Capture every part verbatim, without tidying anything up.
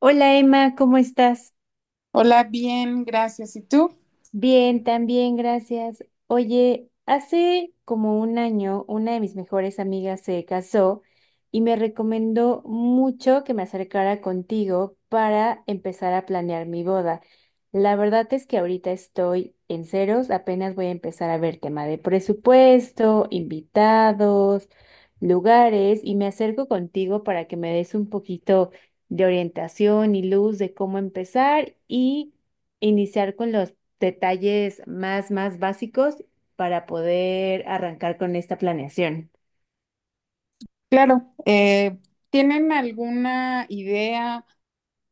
Hola Emma, ¿cómo estás? Hola, bien, gracias. ¿Y tú? Bien, también, gracias. Oye, hace como un año una de mis mejores amigas se casó y me recomendó mucho que me acercara contigo para empezar a planear mi boda. La verdad es que ahorita estoy en ceros, apenas voy a empezar a ver tema de presupuesto, invitados, lugares y me acerco contigo para que me des un poquito de orientación y luz de cómo empezar y iniciar con los detalles más, más básicos para poder arrancar con esta planeación. Claro, eh, ¿tienen alguna idea,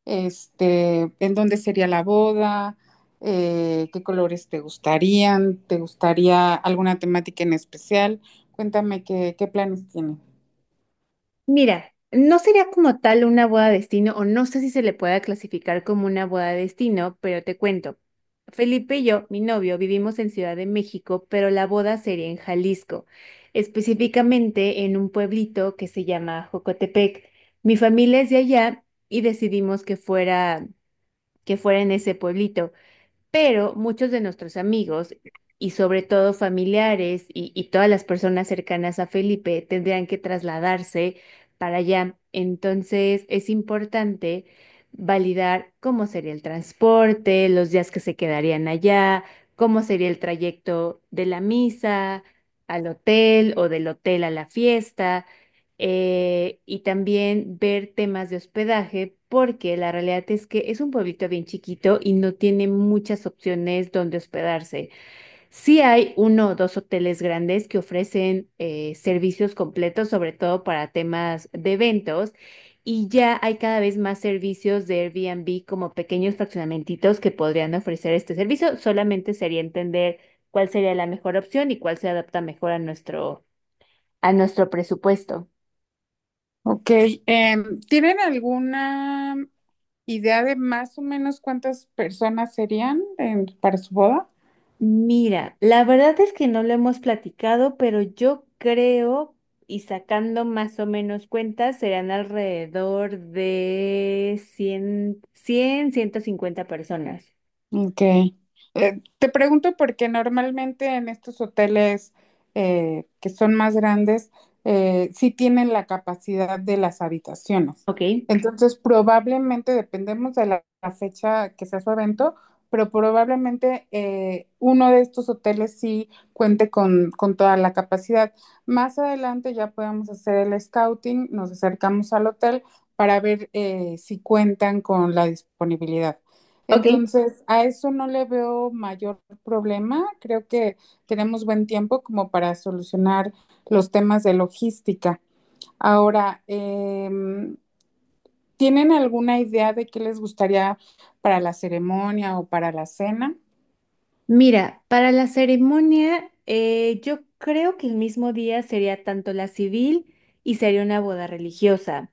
este, en dónde sería la boda? Eh, ¿qué colores te gustarían? ¿Te gustaría alguna temática en especial? Cuéntame qué, qué planes tienen. Mira, no sería como tal una boda destino, o no sé si se le pueda clasificar como una boda destino, pero te cuento. Felipe y yo, mi novio, vivimos en Ciudad de México, pero la boda sería en Jalisco, específicamente en un pueblito que se llama Jocotepec. Mi familia es de allá y decidimos que fuera, que fuera en ese pueblito. Pero muchos de nuestros amigos y sobre todo familiares y, y todas las personas cercanas a Felipe tendrían que trasladarse para allá. Entonces es importante validar cómo sería el transporte, los días que se quedarían allá, cómo sería el trayecto de la misa al hotel o del hotel a la fiesta, eh, y también ver temas de hospedaje, porque la realidad es que es un pueblito bien chiquito y no tiene muchas opciones donde hospedarse. Sí hay uno o dos hoteles grandes que ofrecen eh, servicios completos, sobre todo para temas de eventos. Y ya hay cada vez más servicios de Airbnb como pequeños fraccionamentitos que podrían ofrecer este servicio. Solamente sería entender cuál sería la mejor opción y cuál se adapta mejor a nuestro, a nuestro presupuesto. Ok, em, ¿tienen alguna idea de más o menos cuántas personas serían en- para su boda? Mira, la verdad es que no lo hemos platicado, pero yo creo, y sacando más o menos cuentas, serán alrededor de cien, cien, ciento cincuenta personas. Ok. Eh, te pregunto porque normalmente en estos hoteles eh, que son más grandes, eh, sí tienen la capacidad de las habitaciones. Ok, Entonces, probablemente, dependemos de la, la fecha que sea su evento, pero probablemente eh, uno de estos hoteles sí cuente con, con toda la capacidad. Más adelante ya podemos hacer el scouting, nos acercamos al hotel para ver eh, si cuentan con la disponibilidad. ok. Entonces, a eso no le veo mayor problema. Creo que tenemos buen tiempo como para solucionar los temas de logística. Ahora, em, ¿tienen alguna idea de qué les gustaría para la ceremonia o para la cena? Mira, para la ceremonia, eh, yo creo que el mismo día sería tanto la civil y sería una boda religiosa.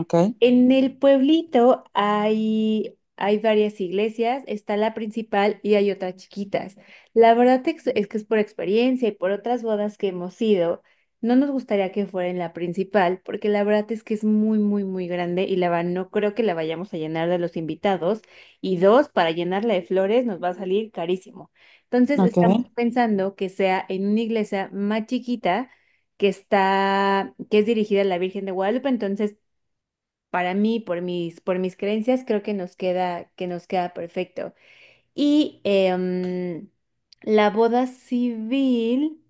Ok, En el pueblito hay, hay varias iglesias, está la principal y hay otras chiquitas. La verdad ex- es que es por experiencia y por otras bodas que hemos ido, no nos gustaría que fuera en la principal, porque la verdad es que es muy, muy, muy grande y la verdad no creo que la vayamos a llenar de los invitados. Y dos, para llenarla de flores nos va a salir carísimo. Entonces ok. estamos pensando que sea en una iglesia más chiquita que está, que es dirigida a la Virgen de Guadalupe, entonces para mí, por mis, por mis creencias, creo que nos queda, que nos queda perfecto. Y em, la boda civil,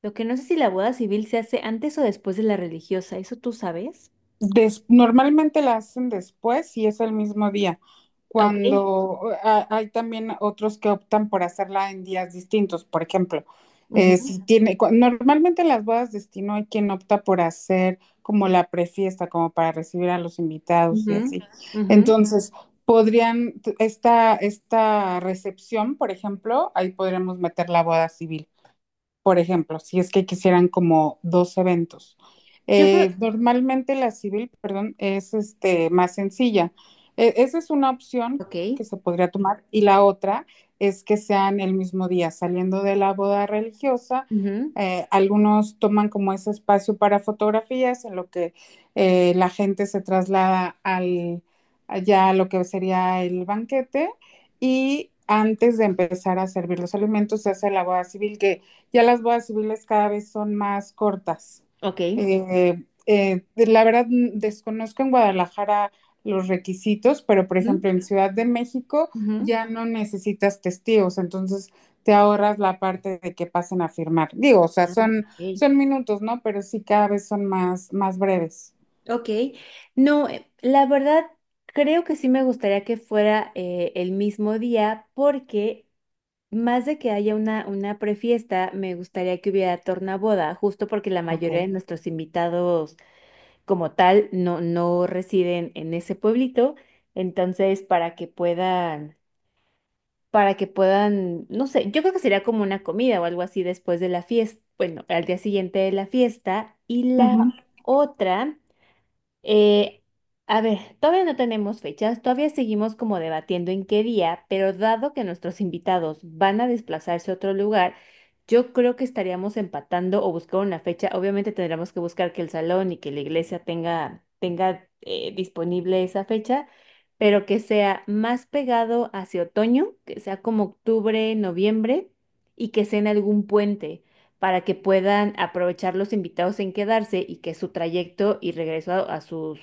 lo que no sé si la boda civil se hace antes o después de la religiosa, ¿eso tú sabes? Des- normalmente la hacen después y es el mismo día, Ok. cuando a- hay también otros que optan por hacerla en días distintos. Por ejemplo, eh, Ujú, si tiene, cu- normalmente en las bodas de destino hay quien opta por hacer como la prefiesta, como para recibir a los invitados y ujú, así. ujú. Entonces, podrían, t- esta, esta recepción, por ejemplo, ahí podríamos meter la boda civil por ejemplo, si es que quisieran como dos eventos. Yo creo, Eh, normalmente la civil, perdón, es este, más sencilla. E- esa es una opción ok, que se podría tomar y la otra es que sean el mismo día, saliendo de la boda religiosa. ujú, eh, algunos toman como ese espacio para fotografías en lo que eh, la gente se traslada al, allá a lo que sería el banquete y antes de empezar a servir los alimentos se hace la boda civil que ya las voy a subirles cada vez son más cortas. ok, Eh, eh, de- la verdad, mm, desconozco en Guadalajara los requisitos, pero por ujú, ejemplo en Ciudad de México ujú. ya no necesitas testigos, entonces te ahorras la parte de que pasen a firmar. Digo, o sea, Ah, son, ok, son minutos, ¿no? Pero sí cada vez son más, más breves. ok. No, eh, la verdad, creo que sí me gustaría que fuera eh, el mismo día porque más de que haya una, una prefiesta, me gustaría que hubiera tornaboda, justo porque la Ok. mayoría de nuestros invitados como tal no, no residen en ese pueblito. Entonces, para que puedan, para que puedan, no sé, yo creo que sería como una comida o algo así después de la fiesta, bueno, al día siguiente de la fiesta. Y la otra. Eh, a ver, todavía no tenemos fechas, todavía seguimos como debatiendo en qué día, pero dado que nuestros invitados van a desplazarse a otro lugar, yo creo que estaríamos empatando o buscar una fecha. Obviamente tendremos que buscar que el salón y que la iglesia tenga, tenga eh, disponible esa fecha, pero que sea más pegado hacia otoño, que sea como octubre, noviembre y que sea en algún puente para que puedan aprovechar los invitados en quedarse y que su trayecto y regreso a, a sus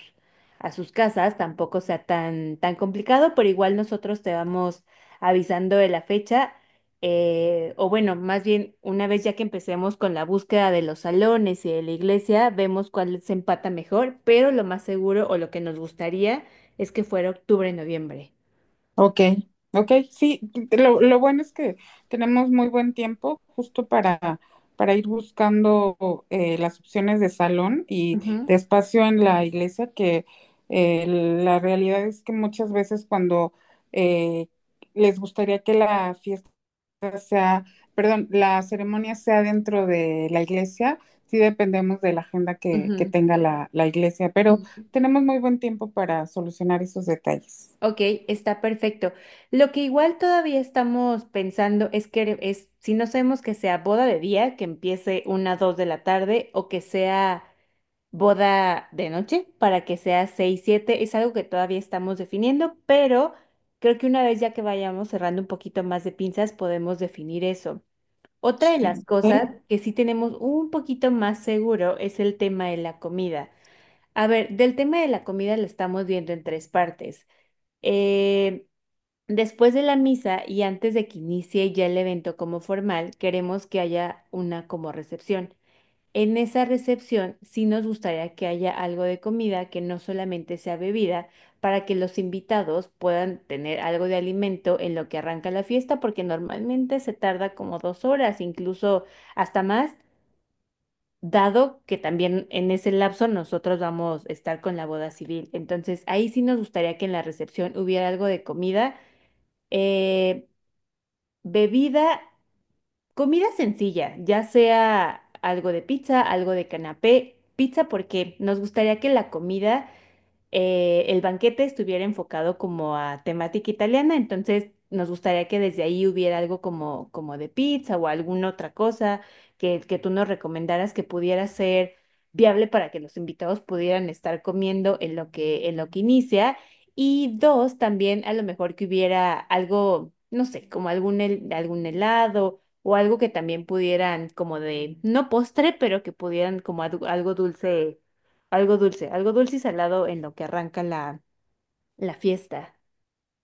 a sus casas tampoco sea tan tan complicado, pero igual nosotros te vamos avisando de la fecha, eh, o bueno, más bien una vez ya que empecemos con la búsqueda de los salones y de la iglesia, vemos cuál se empata mejor, pero lo más seguro o lo que nos gustaría es que fuera octubre, noviembre. Ok, ok, sí, lo, lo bueno es que tenemos muy buen tiempo justo para, para ir buscando eh, las opciones de salón y Ujú, de espacio en la iglesia, que eh, la realidad es que muchas veces cuando eh, les gustaría que la fiesta sea, perdón, la ceremonia sea dentro de la iglesia, sí dependemos de la agenda que, que ujú. tenga la, la iglesia, pero Ujú. tenemos muy buen tiempo para solucionar esos detalles. Ok, está perfecto. Lo que igual todavía estamos pensando es que es, si no sabemos que sea boda de día, que empiece una, dos de la tarde, o que sea boda de noche, para que sea seis, siete, es algo que todavía estamos definiendo, pero creo que una vez ya que vayamos cerrando un poquito más de pinzas, podemos definir eso. Otra de Sí. las ¿Ok? cosas que sí tenemos un poquito más seguro es el tema de la comida. A ver, del tema de la comida lo estamos viendo en tres partes. Eh, Después de la misa y antes de que inicie ya el evento como formal, queremos que haya una como recepción. En esa recepción sí nos gustaría que haya algo de comida que no solamente sea bebida, para que los invitados puedan tener algo de alimento en lo que arranca la fiesta, porque normalmente se tarda como dos horas, incluso hasta más, dado que también en ese lapso nosotros vamos a estar con la boda civil. Entonces ahí sí nos gustaría que en la recepción hubiera algo de comida. Eh, Bebida, comida sencilla, ya sea algo de pizza, algo de canapé, pizza porque nos gustaría que la comida, eh, el banquete estuviera enfocado como a temática italiana, entonces nos gustaría que desde ahí hubiera algo como, como de pizza o alguna otra cosa que, que tú nos recomendaras que pudiera ser viable para que los invitados pudieran estar comiendo en lo que, en lo que inicia. Y dos, también a lo mejor que hubiera algo, no sé, como algún, hel- algún helado o algo que también pudieran como de, no postre, pero que pudieran como adu- algo dulce algo dulce, algo dulce y salado en lo que arranca la, la fiesta.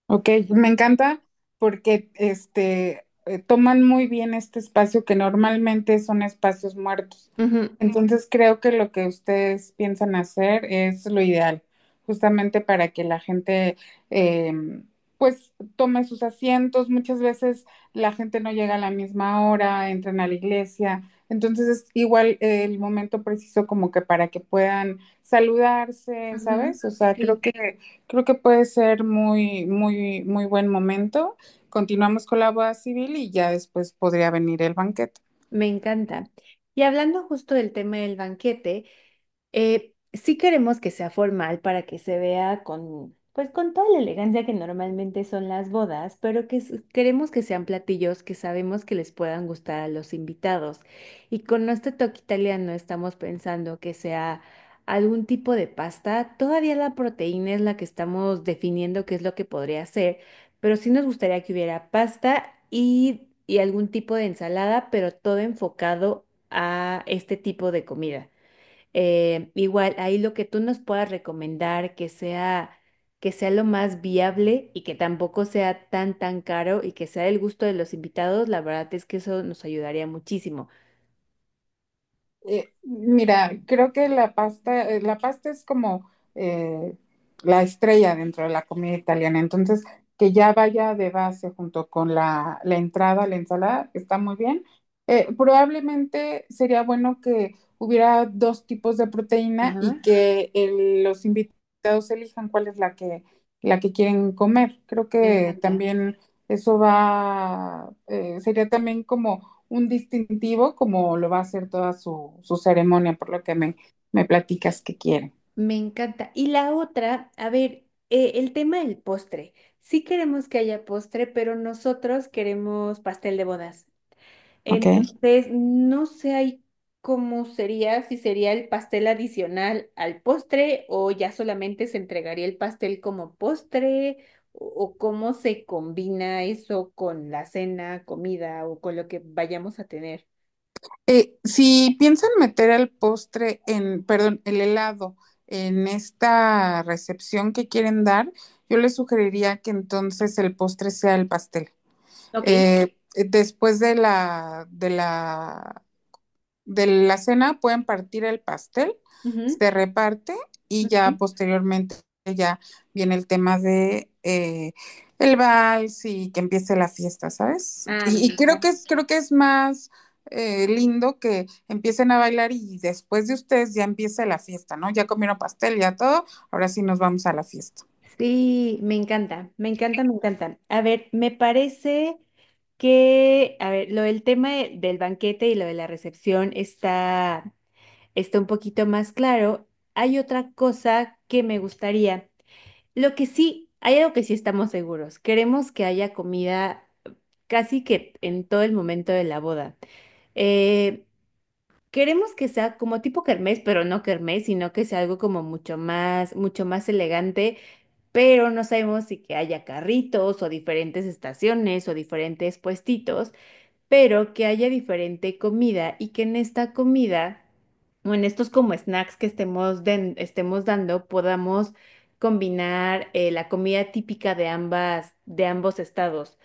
Ok, me encanta porque este eh, toman muy bien este espacio que normalmente son espacios muertos. Ujú, Entonces creo que lo que ustedes piensan hacer es lo ideal, justamente para que la gente eh, pues tome sus asientos. Muchas veces la gente no llega a la misma hora, entran a la iglesia. Entonces es igual eh, el momento preciso como que para que puedan saludarse, Ujú. ¿sabes? O sea, creo Sí, que creo que puede ser muy, muy, muy buen momento. Continuamos con la boda civil y ya después podría venir el banquete. me encanta. Y hablando justo del tema del banquete, Eh, sí queremos que sea formal para que se vea con, pues con toda la elegancia que normalmente son las bodas, pero que s- queremos que sean platillos que sabemos que les puedan gustar a los invitados. Y con nuestro toque italiano estamos pensando que sea algún tipo de pasta. Todavía la proteína es la que estamos definiendo qué es lo que podría ser, pero sí nos gustaría que hubiera pasta y, y algún tipo de ensalada, pero todo enfocado a este tipo de comida. Eh, igual, ahí lo que tú nos puedas recomendar que sea, que sea lo más viable y que tampoco sea tan, tan caro y que sea del gusto de los invitados, la verdad es que eso nos ayudaría muchísimo. Eh, mira, creo que la pasta, eh, la pasta es como eh, la estrella dentro de la comida italiana. Entonces, que ya vaya de base junto con la, la entrada, la ensalada, está muy bien. Eh, probablemente sería bueno que hubiera dos tipos de proteína y Ajá. que el- los invitados elijan cuál es la que, la que quieren comer. Creo Me que encanta. también eso va, eh, sería también como un distintivo como lo va a hacer toda su, su ceremonia, por lo que me, me platicas que quieren. Me encanta. Y la otra, a ver, eh, el tema del postre. Sí queremos que haya postre, pero nosotros queremos pastel de bodas. ¿Ok? Entonces, no sé ahí cómo sería, si sería el pastel adicional al postre o ya solamente se entregaría el pastel como postre o, o cómo se combina eso con la cena, comida o con lo que vayamos a tener. Eh, si piensan meter el postre en, perdón, el helado en esta recepción que quieren dar, yo les sugeriría que entonces el postre sea el pastel. Ok. Eh, después de la, de la de la cena pueden partir el pastel, Ujú, se reparte y ujú. ya posteriormente ya viene el tema de eh, el vals y que empiece la fiesta, ¿sabes? Ah, me Y, y creo que encanta. es, creo que es más eh, lindo que empiecen a bailar y después de ustedes ya empiece la fiesta, ¿no? Ya comieron pastel, ya todo, ahora sí nos vamos a la fiesta. Sí, me encanta, me encanta, me encanta. A ver, me parece que, a ver, lo del tema de- del banquete y lo de la recepción está... está un poquito más claro. Hay otra cosa que me gustaría. Lo que sí, hay algo que sí estamos seguros. Queremos que haya comida casi que en todo el momento de la boda. Eh, Queremos que sea como tipo kermés, pero no kermés, sino que sea algo como mucho más, mucho más elegante, pero no sabemos si que haya carritos o diferentes estaciones o diferentes puestitos, pero que haya diferente comida y que en esta comida o en estos como snacks que estemos, den- estemos dando podamos combinar, eh, la comida típica de ambas, de ambos estados.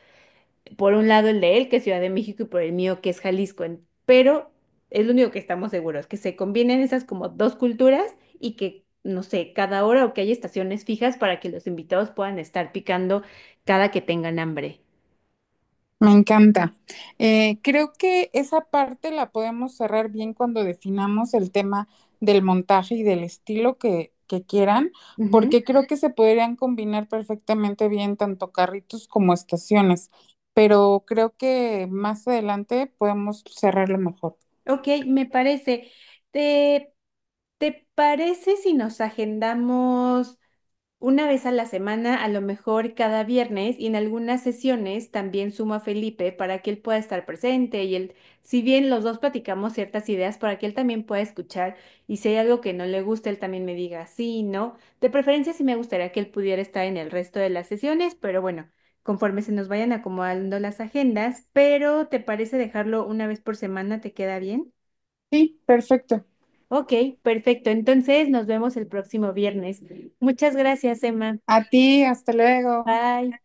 Por un lado el de él, que es Ciudad de México, y por el mío, que es Jalisco. En- Pero es lo único que estamos seguros, que se combinen esas como dos culturas y que, no sé, cada hora o que haya estaciones fijas para que los invitados puedan estar picando cada que tengan hambre. Me encanta. Eh, creo que esa parte la podemos cerrar bien cuando definamos el tema del montaje y del estilo que, que quieran, porque creo que se podrían combinar perfectamente bien tanto carritos como estaciones, pero creo que más adelante podemos cerrarlo mejor. Ok, me parece. ¿Te, te parece si nos agendamos una vez a la semana, a lo mejor cada viernes, y en algunas sesiones también sumo a Felipe para que él pueda estar presente y él, si bien los dos platicamos ciertas ideas, para que él también pueda escuchar y si hay algo que no le gusta, él también me diga sí, no? De preferencia sí me gustaría que él pudiera estar en el resto de las sesiones, pero bueno, conforme se nos vayan acomodando las agendas, pero ¿te parece dejarlo una vez por semana? ¿Te queda bien? Sí, perfecto. Ok, perfecto. Entonces nos vemos el próximo viernes. Muchas gracias, Emma. A ti, hasta luego. Bye.